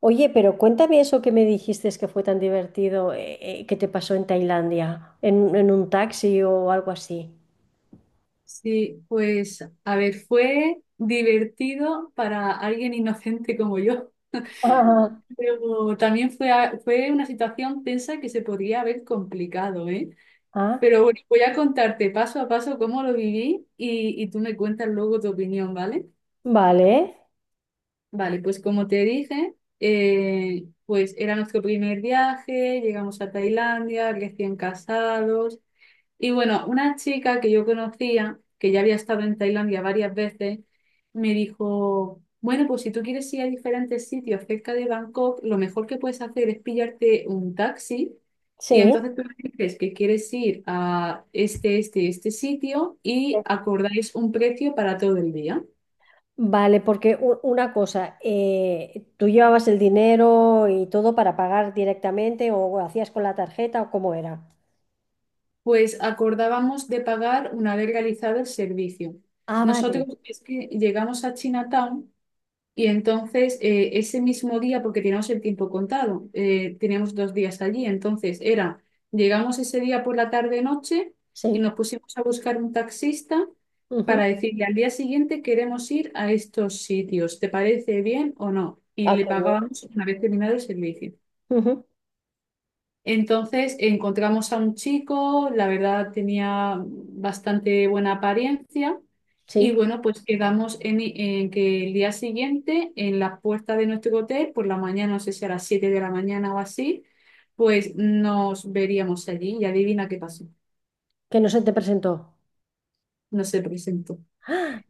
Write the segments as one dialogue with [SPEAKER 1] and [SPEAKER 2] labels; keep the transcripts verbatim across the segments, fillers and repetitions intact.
[SPEAKER 1] Oye, pero cuéntame eso que me dijiste que fue tan divertido, eh, eh, que te pasó en Tailandia, en, en un taxi o algo así.
[SPEAKER 2] Sí, pues a ver, fue divertido para alguien inocente como yo,
[SPEAKER 1] Ah.
[SPEAKER 2] pero también fue, a- fue una situación tensa que se podría haber complicado, ¿eh?
[SPEAKER 1] Ah,
[SPEAKER 2] Pero bueno, voy a contarte paso a paso cómo lo viví y, y tú me cuentas luego tu opinión, ¿vale?
[SPEAKER 1] vale,
[SPEAKER 2] Vale, pues como te dije, eh, pues era nuestro primer viaje, llegamos a Tailandia, recién casados. Y bueno, una chica que yo conocía, que ya había estado en Tailandia varias veces, me dijo, bueno, pues si tú quieres ir a diferentes sitios cerca de Bangkok, lo mejor que puedes hacer es pillarte un taxi y
[SPEAKER 1] sí.
[SPEAKER 2] entonces tú le dices que quieres ir a este, este, este sitio y acordáis un precio para todo el día.
[SPEAKER 1] Vale, porque u- una cosa, eh, ¿tú llevabas el dinero y todo para pagar directamente o hacías con la tarjeta o cómo era?
[SPEAKER 2] Pues acordábamos de pagar una vez realizado el servicio.
[SPEAKER 1] Ah,
[SPEAKER 2] Nosotros
[SPEAKER 1] vale,
[SPEAKER 2] es que llegamos a Chinatown. Y entonces, eh, ese mismo día, porque teníamos el tiempo contado, eh, teníamos dos días allí, entonces era, llegamos ese día por la tarde-noche y
[SPEAKER 1] sí.
[SPEAKER 2] nos pusimos a buscar un taxista
[SPEAKER 1] Ujú.
[SPEAKER 2] para decirle al día siguiente queremos ir a estos sitios, ¿te parece bien o no? Y
[SPEAKER 1] Ah,
[SPEAKER 2] le
[SPEAKER 1] qué bien.
[SPEAKER 2] pagábamos una vez terminado el servicio.
[SPEAKER 1] Ujú.
[SPEAKER 2] Entonces encontramos a un chico, la verdad tenía bastante buena apariencia
[SPEAKER 1] Sí,
[SPEAKER 2] y bueno, pues quedamos en, en que el día siguiente en la puerta de nuestro hotel, por la mañana, no sé si a las siete de la mañana o así, pues nos veríamos allí y adivina qué pasó,
[SPEAKER 1] que no se te presentó.
[SPEAKER 2] no se presentó.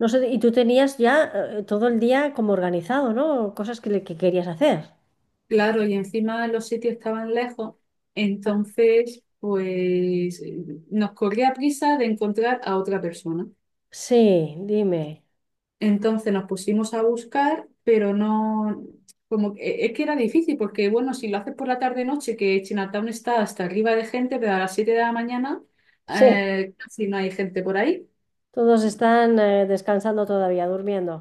[SPEAKER 1] No sé, y tú tenías ya eh, todo el día como organizado, ¿no? Cosas que, le- que querías hacer.
[SPEAKER 2] Claro, y encima los sitios estaban lejos, entonces pues eh, nos corría prisa de encontrar a otra persona.
[SPEAKER 1] Sí, dime.
[SPEAKER 2] Entonces nos pusimos a buscar, pero no, como que- es que era difícil, porque bueno, si lo haces por la tarde-noche, que Chinatown está hasta arriba de gente, pero a las siete de la mañana
[SPEAKER 1] Sí,
[SPEAKER 2] eh, casi no hay gente por ahí.
[SPEAKER 1] todos están eh, descansando todavía, durmiendo.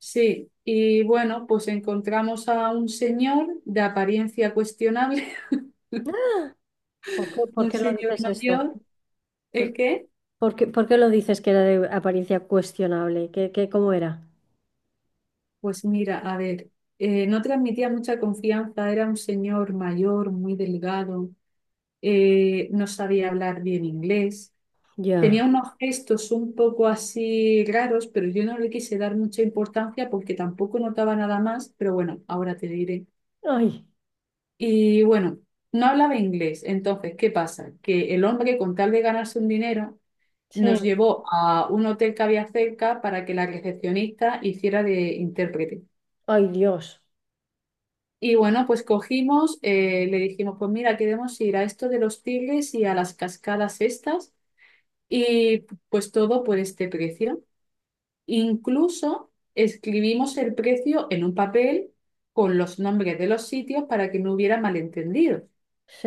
[SPEAKER 2] Sí, y bueno, pues encontramos a un señor de apariencia cuestionable,
[SPEAKER 1] ¿Por qué, por
[SPEAKER 2] un
[SPEAKER 1] qué lo
[SPEAKER 2] señor
[SPEAKER 1] dices esto?
[SPEAKER 2] mayor, el
[SPEAKER 1] ¿Por,
[SPEAKER 2] que,
[SPEAKER 1] ¿por qué, por qué lo dices que era de apariencia cuestionable? ¿Qué, qué, cómo era?
[SPEAKER 2] pues mira, a ver, eh, no transmitía mucha confianza, era un señor mayor, muy delgado, eh, no sabía hablar bien inglés.
[SPEAKER 1] Ya.
[SPEAKER 2] Tenía unos gestos un poco así raros, pero yo no le quise dar mucha importancia porque tampoco notaba nada más, pero bueno, ahora te diré.
[SPEAKER 1] Ay,
[SPEAKER 2] Y bueno, no hablaba inglés, entonces, ¿qué pasa? Que el hombre, con tal de ganarse un dinero,
[SPEAKER 1] sí.
[SPEAKER 2] nos llevó a un hotel que había cerca para que la recepcionista hiciera de intérprete.
[SPEAKER 1] Ay, Dios.
[SPEAKER 2] Y bueno, pues cogimos, eh, le dijimos, pues mira, queremos ir a esto de los tigres y a las cascadas estas, y pues todo por este precio. Incluso escribimos el precio en un papel con los nombres de los sitios para que no hubiera malentendidos.
[SPEAKER 1] Sí,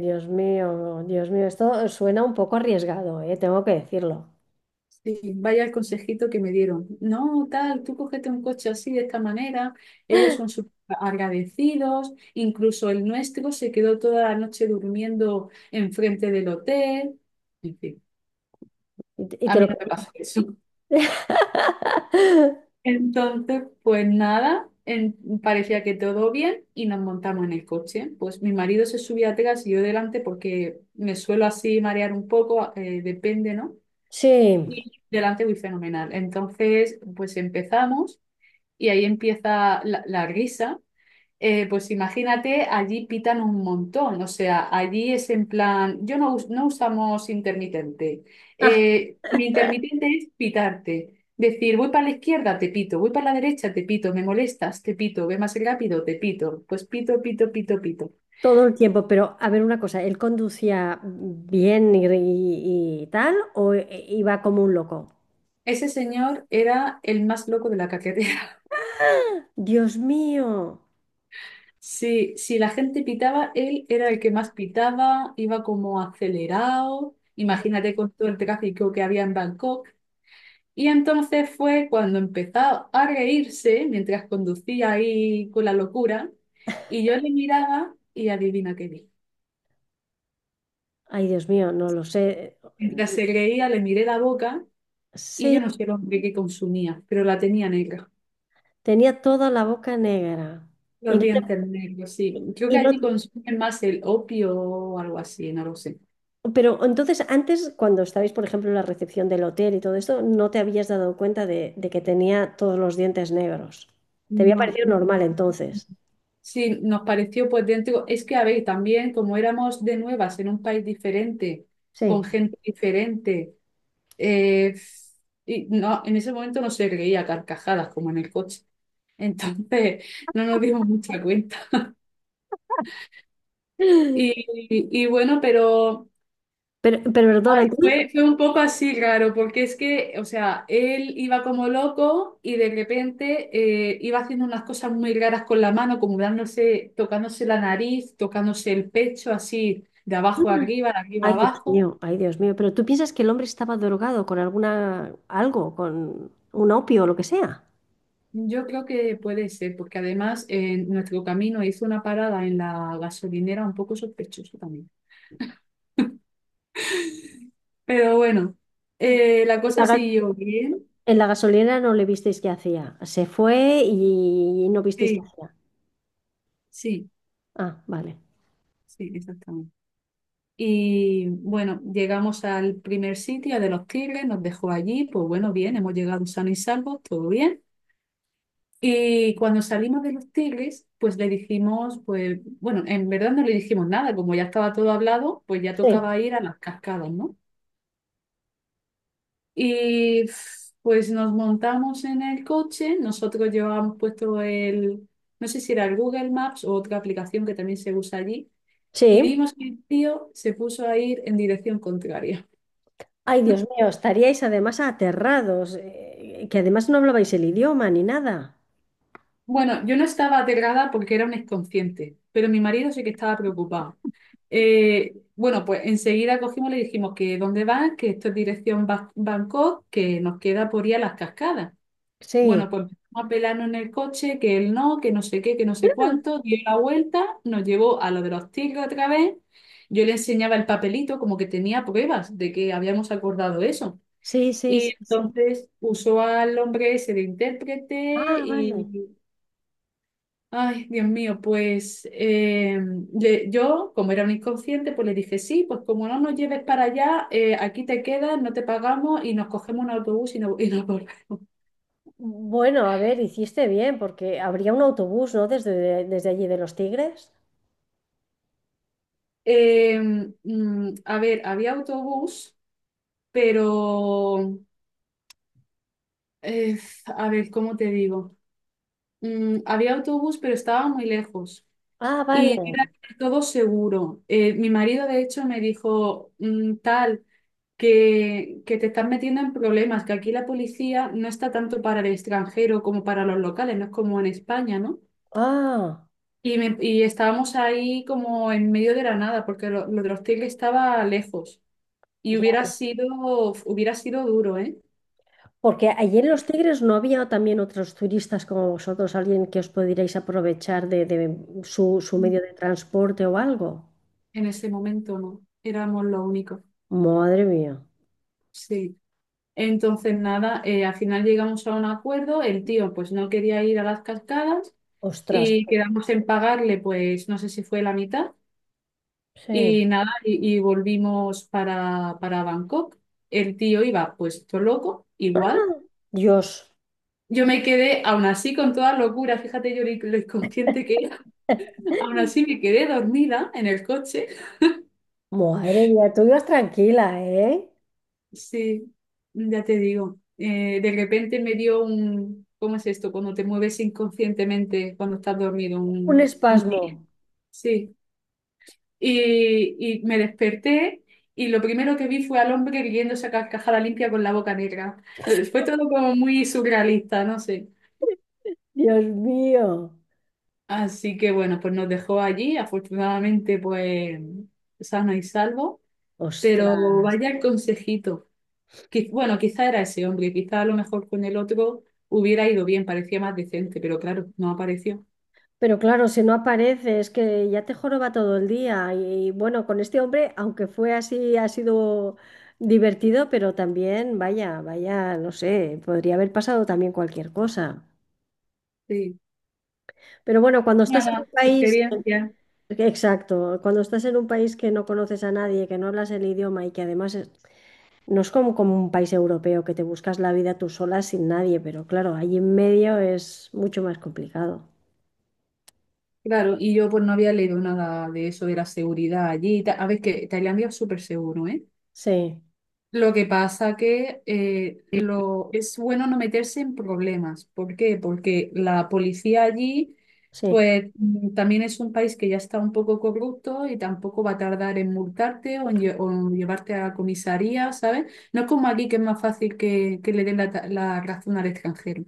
[SPEAKER 1] Dios mío, Dios mío. Esto suena un poco arriesgado, eh, tengo que decirlo.
[SPEAKER 2] Sí, vaya el consejito que me dieron. No, tal, tú cógete un coche así, de esta manera. Ellos son súper agradecidos. Incluso el nuestro se quedó toda la noche durmiendo enfrente del hotel. En fin,
[SPEAKER 1] Y, te y
[SPEAKER 2] a
[SPEAKER 1] te lo...
[SPEAKER 2] mí no me pasó eso. Entonces, pues nada, en- parecía que todo bien y nos montamos en el coche. Pues mi marido se subía atrás y yo delante porque me suelo así marear un poco, eh, depende, ¿no?
[SPEAKER 1] Sí.
[SPEAKER 2] Y delante voy fenomenal. Entonces, pues empezamos y ahí empieza la, la risa. Eh, pues imagínate, allí pitan un montón, o sea, allí es en plan, yo no, us- no usamos intermitente. Eh, mi intermitente es pitarte, decir, voy para la izquierda, te pito, voy para la derecha, te pito, me molestas, te pito, ve más rápido, te pito, pues pito, pito, pito, pito.
[SPEAKER 1] Todo el tiempo, pero a ver una cosa, ¿él conducía bien y, y- y tal o eh, iba como un loco?
[SPEAKER 2] Ese señor era el más loco de la carretera.
[SPEAKER 1] Dios mío,
[SPEAKER 2] Sí, si la gente pitaba, él era el que más pitaba, iba como acelerado. Imagínate con todo el tráfico que había en Bangkok. Y entonces fue cuando empezó a reírse mientras conducía ahí con la locura y yo le miraba y adivina qué vi.
[SPEAKER 1] ay, Dios mío, no lo sé.
[SPEAKER 2] Mientras se reía le miré la boca y
[SPEAKER 1] Sí,
[SPEAKER 2] yo no sé el hombre que consumía, pero la tenía negra,
[SPEAKER 1] tenía toda la boca negra. Y
[SPEAKER 2] los
[SPEAKER 1] no te-
[SPEAKER 2] dientes negros, sí. Creo
[SPEAKER 1] y
[SPEAKER 2] que
[SPEAKER 1] no-
[SPEAKER 2] allí consumen más el opio o algo así, no lo sé.
[SPEAKER 1] pero entonces antes, cuando estabais, por ejemplo, en la recepción del hotel y todo esto, no te habías dado cuenta de, de que tenía todos los dientes negros. Te había
[SPEAKER 2] No.
[SPEAKER 1] parecido normal entonces.
[SPEAKER 2] Sí, nos pareció pues dentro, es que a ver, también como éramos de nuevas en un país diferente, con
[SPEAKER 1] Sí.
[SPEAKER 2] gente diferente. Eh, y no, en ese momento no se reía a carcajadas como en el coche. Entonces no nos dimos mucha cuenta. Y, y- bueno, pero
[SPEAKER 1] Pero, pero perdona, entonces...
[SPEAKER 2] fue, fue un poco así raro, porque es que, o sea, él iba como loco y de repente eh, iba haciendo unas cosas muy raras con la mano, como dándose, tocándose la nariz, tocándose el pecho, así de abajo a arriba, de arriba a
[SPEAKER 1] Ay, Dios
[SPEAKER 2] abajo.
[SPEAKER 1] mío, ay, Dios mío. Pero tú piensas que el hombre estaba drogado con alguna, algo, con un opio o lo que sea.
[SPEAKER 2] Yo creo que puede ser, porque además en nuestro camino hizo una parada en la gasolinera un poco sospechosa también. Pero bueno,
[SPEAKER 1] Mm.
[SPEAKER 2] eh, la
[SPEAKER 1] En
[SPEAKER 2] cosa
[SPEAKER 1] la, ga-
[SPEAKER 2] siguió bien.
[SPEAKER 1] en la gasolinera no le visteis qué hacía. Se fue y no visteis qué
[SPEAKER 2] Sí,
[SPEAKER 1] hacía.
[SPEAKER 2] sí,
[SPEAKER 1] Ah, vale.
[SPEAKER 2] sí, exactamente. Y bueno, llegamos al primer sitio de los Tigres, nos dejó allí, pues bueno, bien, hemos llegado sanos y salvos, todo bien. Y cuando salimos de los Tigres, pues le dijimos, pues bueno, en verdad no le dijimos nada, como ya estaba todo hablado, pues ya
[SPEAKER 1] Sí.
[SPEAKER 2] tocaba ir a las cascadas, ¿no? Y pues nos montamos en el coche, nosotros llevábamos puesto el, no sé si era el Google Maps o otra aplicación que también se usa allí, y
[SPEAKER 1] Sí.
[SPEAKER 2] vimos que el tío se puso a ir en dirección contraria.
[SPEAKER 1] Ay, Dios mío, estaríais además aterrados, eh, que además no hablabais el idioma ni nada.
[SPEAKER 2] Bueno, yo no estaba aterrada porque era un inconsciente, pero mi marido sí que estaba preocupado. Eh, bueno, pues enseguida cogimos y le dijimos que dónde van, que esto es dirección Ba- Bangkok, que nos queda por ir a las cascadas.
[SPEAKER 1] Sí.
[SPEAKER 2] Bueno, pues empezamos a pelarnos en el coche, que él no, que no sé qué, que no sé
[SPEAKER 1] Ah.
[SPEAKER 2] cuánto, dio la vuelta, nos llevó a lo de los tigres otra vez, yo le enseñaba el papelito como que tenía pruebas de que habíamos acordado eso.
[SPEAKER 1] Sí, sí, sí,
[SPEAKER 2] Y
[SPEAKER 1] sí.
[SPEAKER 2] entonces usó al hombre ese de intérprete
[SPEAKER 1] Ah, vale.
[SPEAKER 2] y, ay, Dios mío, pues eh, le- yo, como era un inconsciente, pues le dije, sí, pues como no nos lleves para allá, eh, aquí te quedas, no te pagamos y nos cogemos un autobús y, no, y nos volvemos.
[SPEAKER 1] Bueno, a ver, hiciste bien, porque habría un autobús, ¿no? Desde, desde allí de Los Tigres.
[SPEAKER 2] Eh, mm, a ver, había autobús, pero eh, a ver, ¿cómo te digo? Mm, había autobús, pero estaba muy lejos.
[SPEAKER 1] Ah, vale.
[SPEAKER 2] Y era todo seguro. Eh, mi marido, de hecho, me dijo, mm, tal, que, que te estás metiendo en problemas, que aquí la policía no está tanto para el extranjero como para los locales, no es como en España, ¿no?
[SPEAKER 1] Ah,
[SPEAKER 2] Y, me- y estábamos ahí como en medio de la nada, porque lo, lo de los tigres estaba lejos. Y
[SPEAKER 1] ya.
[SPEAKER 2] hubiera sido, hubiera sido duro, ¿eh?
[SPEAKER 1] Porque allí en Los Tigres no había también otros turistas como vosotros, alguien que os pudierais aprovechar de, de su, su medio de transporte o algo.
[SPEAKER 2] En ese momento no, éramos los únicos,
[SPEAKER 1] Madre mía.
[SPEAKER 2] sí. Entonces, nada, eh, al final llegamos a un acuerdo, el tío pues no quería ir a las cascadas
[SPEAKER 1] Ostras.
[SPEAKER 2] y quedamos en pagarle pues no sé si fue la mitad
[SPEAKER 1] Sí.
[SPEAKER 2] y nada, y, y volvimos para, para Bangkok. El tío iba pues todo loco, igual.
[SPEAKER 1] Dios.
[SPEAKER 2] Yo me quedé aún así con toda locura, fíjate yo lo lo inconsciente que era, aún así me quedé dormida en el coche.
[SPEAKER 1] Madre mía, tú ibas tranquila, ¿eh?
[SPEAKER 2] Sí, ya te digo. Eh, de repente me dio un, ¿cómo es esto? Cuando te mueves inconscientemente cuando estás dormido.
[SPEAKER 1] Un
[SPEAKER 2] Un- un-
[SPEAKER 1] espasmo.
[SPEAKER 2] sí. Y, y me desperté y lo primero que vi fue al hombre riéndose a carcajada limpia con la boca negra. Eh, Fue todo como muy surrealista, no sé.
[SPEAKER 1] Dios mío.
[SPEAKER 2] Así que bueno, pues nos dejó allí, afortunadamente pues sano y salvo. Pero vaya el consejito. Qui- Bueno, quizá era ese hombre, quizá a lo mejor con el otro hubiera ido bien, parecía más decente, pero claro, no apareció.
[SPEAKER 1] Pero claro, si no aparece, es que ya te joroba todo el día. Y bueno, con este hombre, aunque fue así, ha sido divertido, pero también, vaya, vaya, no sé, podría haber pasado también cualquier cosa.
[SPEAKER 2] Sí.
[SPEAKER 1] Pero bueno, cuando estás en
[SPEAKER 2] Nada,
[SPEAKER 1] un país,
[SPEAKER 2] experiencia.
[SPEAKER 1] exacto, cuando estás en un país que no conoces a nadie, que no hablas el idioma y que además es- no es como, como un país europeo que te buscas la vida tú sola sin nadie, pero claro, allí en medio es mucho más complicado.
[SPEAKER 2] Claro, y yo pues no había leído nada de eso de la seguridad allí. y ta- A ver, que Tailandia es súper seguro, ¿eh?
[SPEAKER 1] Sí,
[SPEAKER 2] Lo que pasa que eh, lo, es bueno no meterse en problemas. ¿Por qué? Porque la policía allí,
[SPEAKER 1] sí.
[SPEAKER 2] pues mm, también es un país que ya está un poco corrupto y tampoco va a tardar en multarte o en, lle- o en llevarte a la comisaría, ¿sabes? No es como aquí que es más fácil que, que, le den la, ta- la razón al extranjero.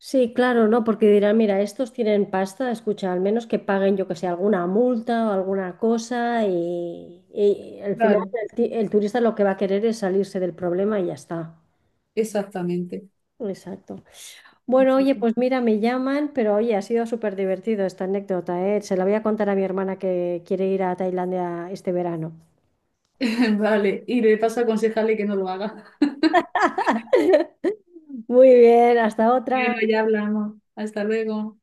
[SPEAKER 1] Sí, claro, ¿no? Porque dirán, mira, estos tienen pasta, escucha, al menos que paguen, yo que sé, alguna multa o alguna cosa y, y al final
[SPEAKER 2] Claro,
[SPEAKER 1] el, ti- el turista lo que va a querer es salirse del problema y ya está.
[SPEAKER 2] exactamente.
[SPEAKER 1] Exacto. Bueno,
[SPEAKER 2] Así
[SPEAKER 1] oye,
[SPEAKER 2] que,
[SPEAKER 1] pues mira, me llaman, pero oye, ha sido súper divertido esta anécdota, ¿eh? Se la voy a contar a mi hermana que quiere ir a Tailandia este verano.
[SPEAKER 2] vale, y le paso a aconsejarle que no lo haga.
[SPEAKER 1] Muy bien, hasta otra.
[SPEAKER 2] Bueno, ya hablamos. Hasta luego.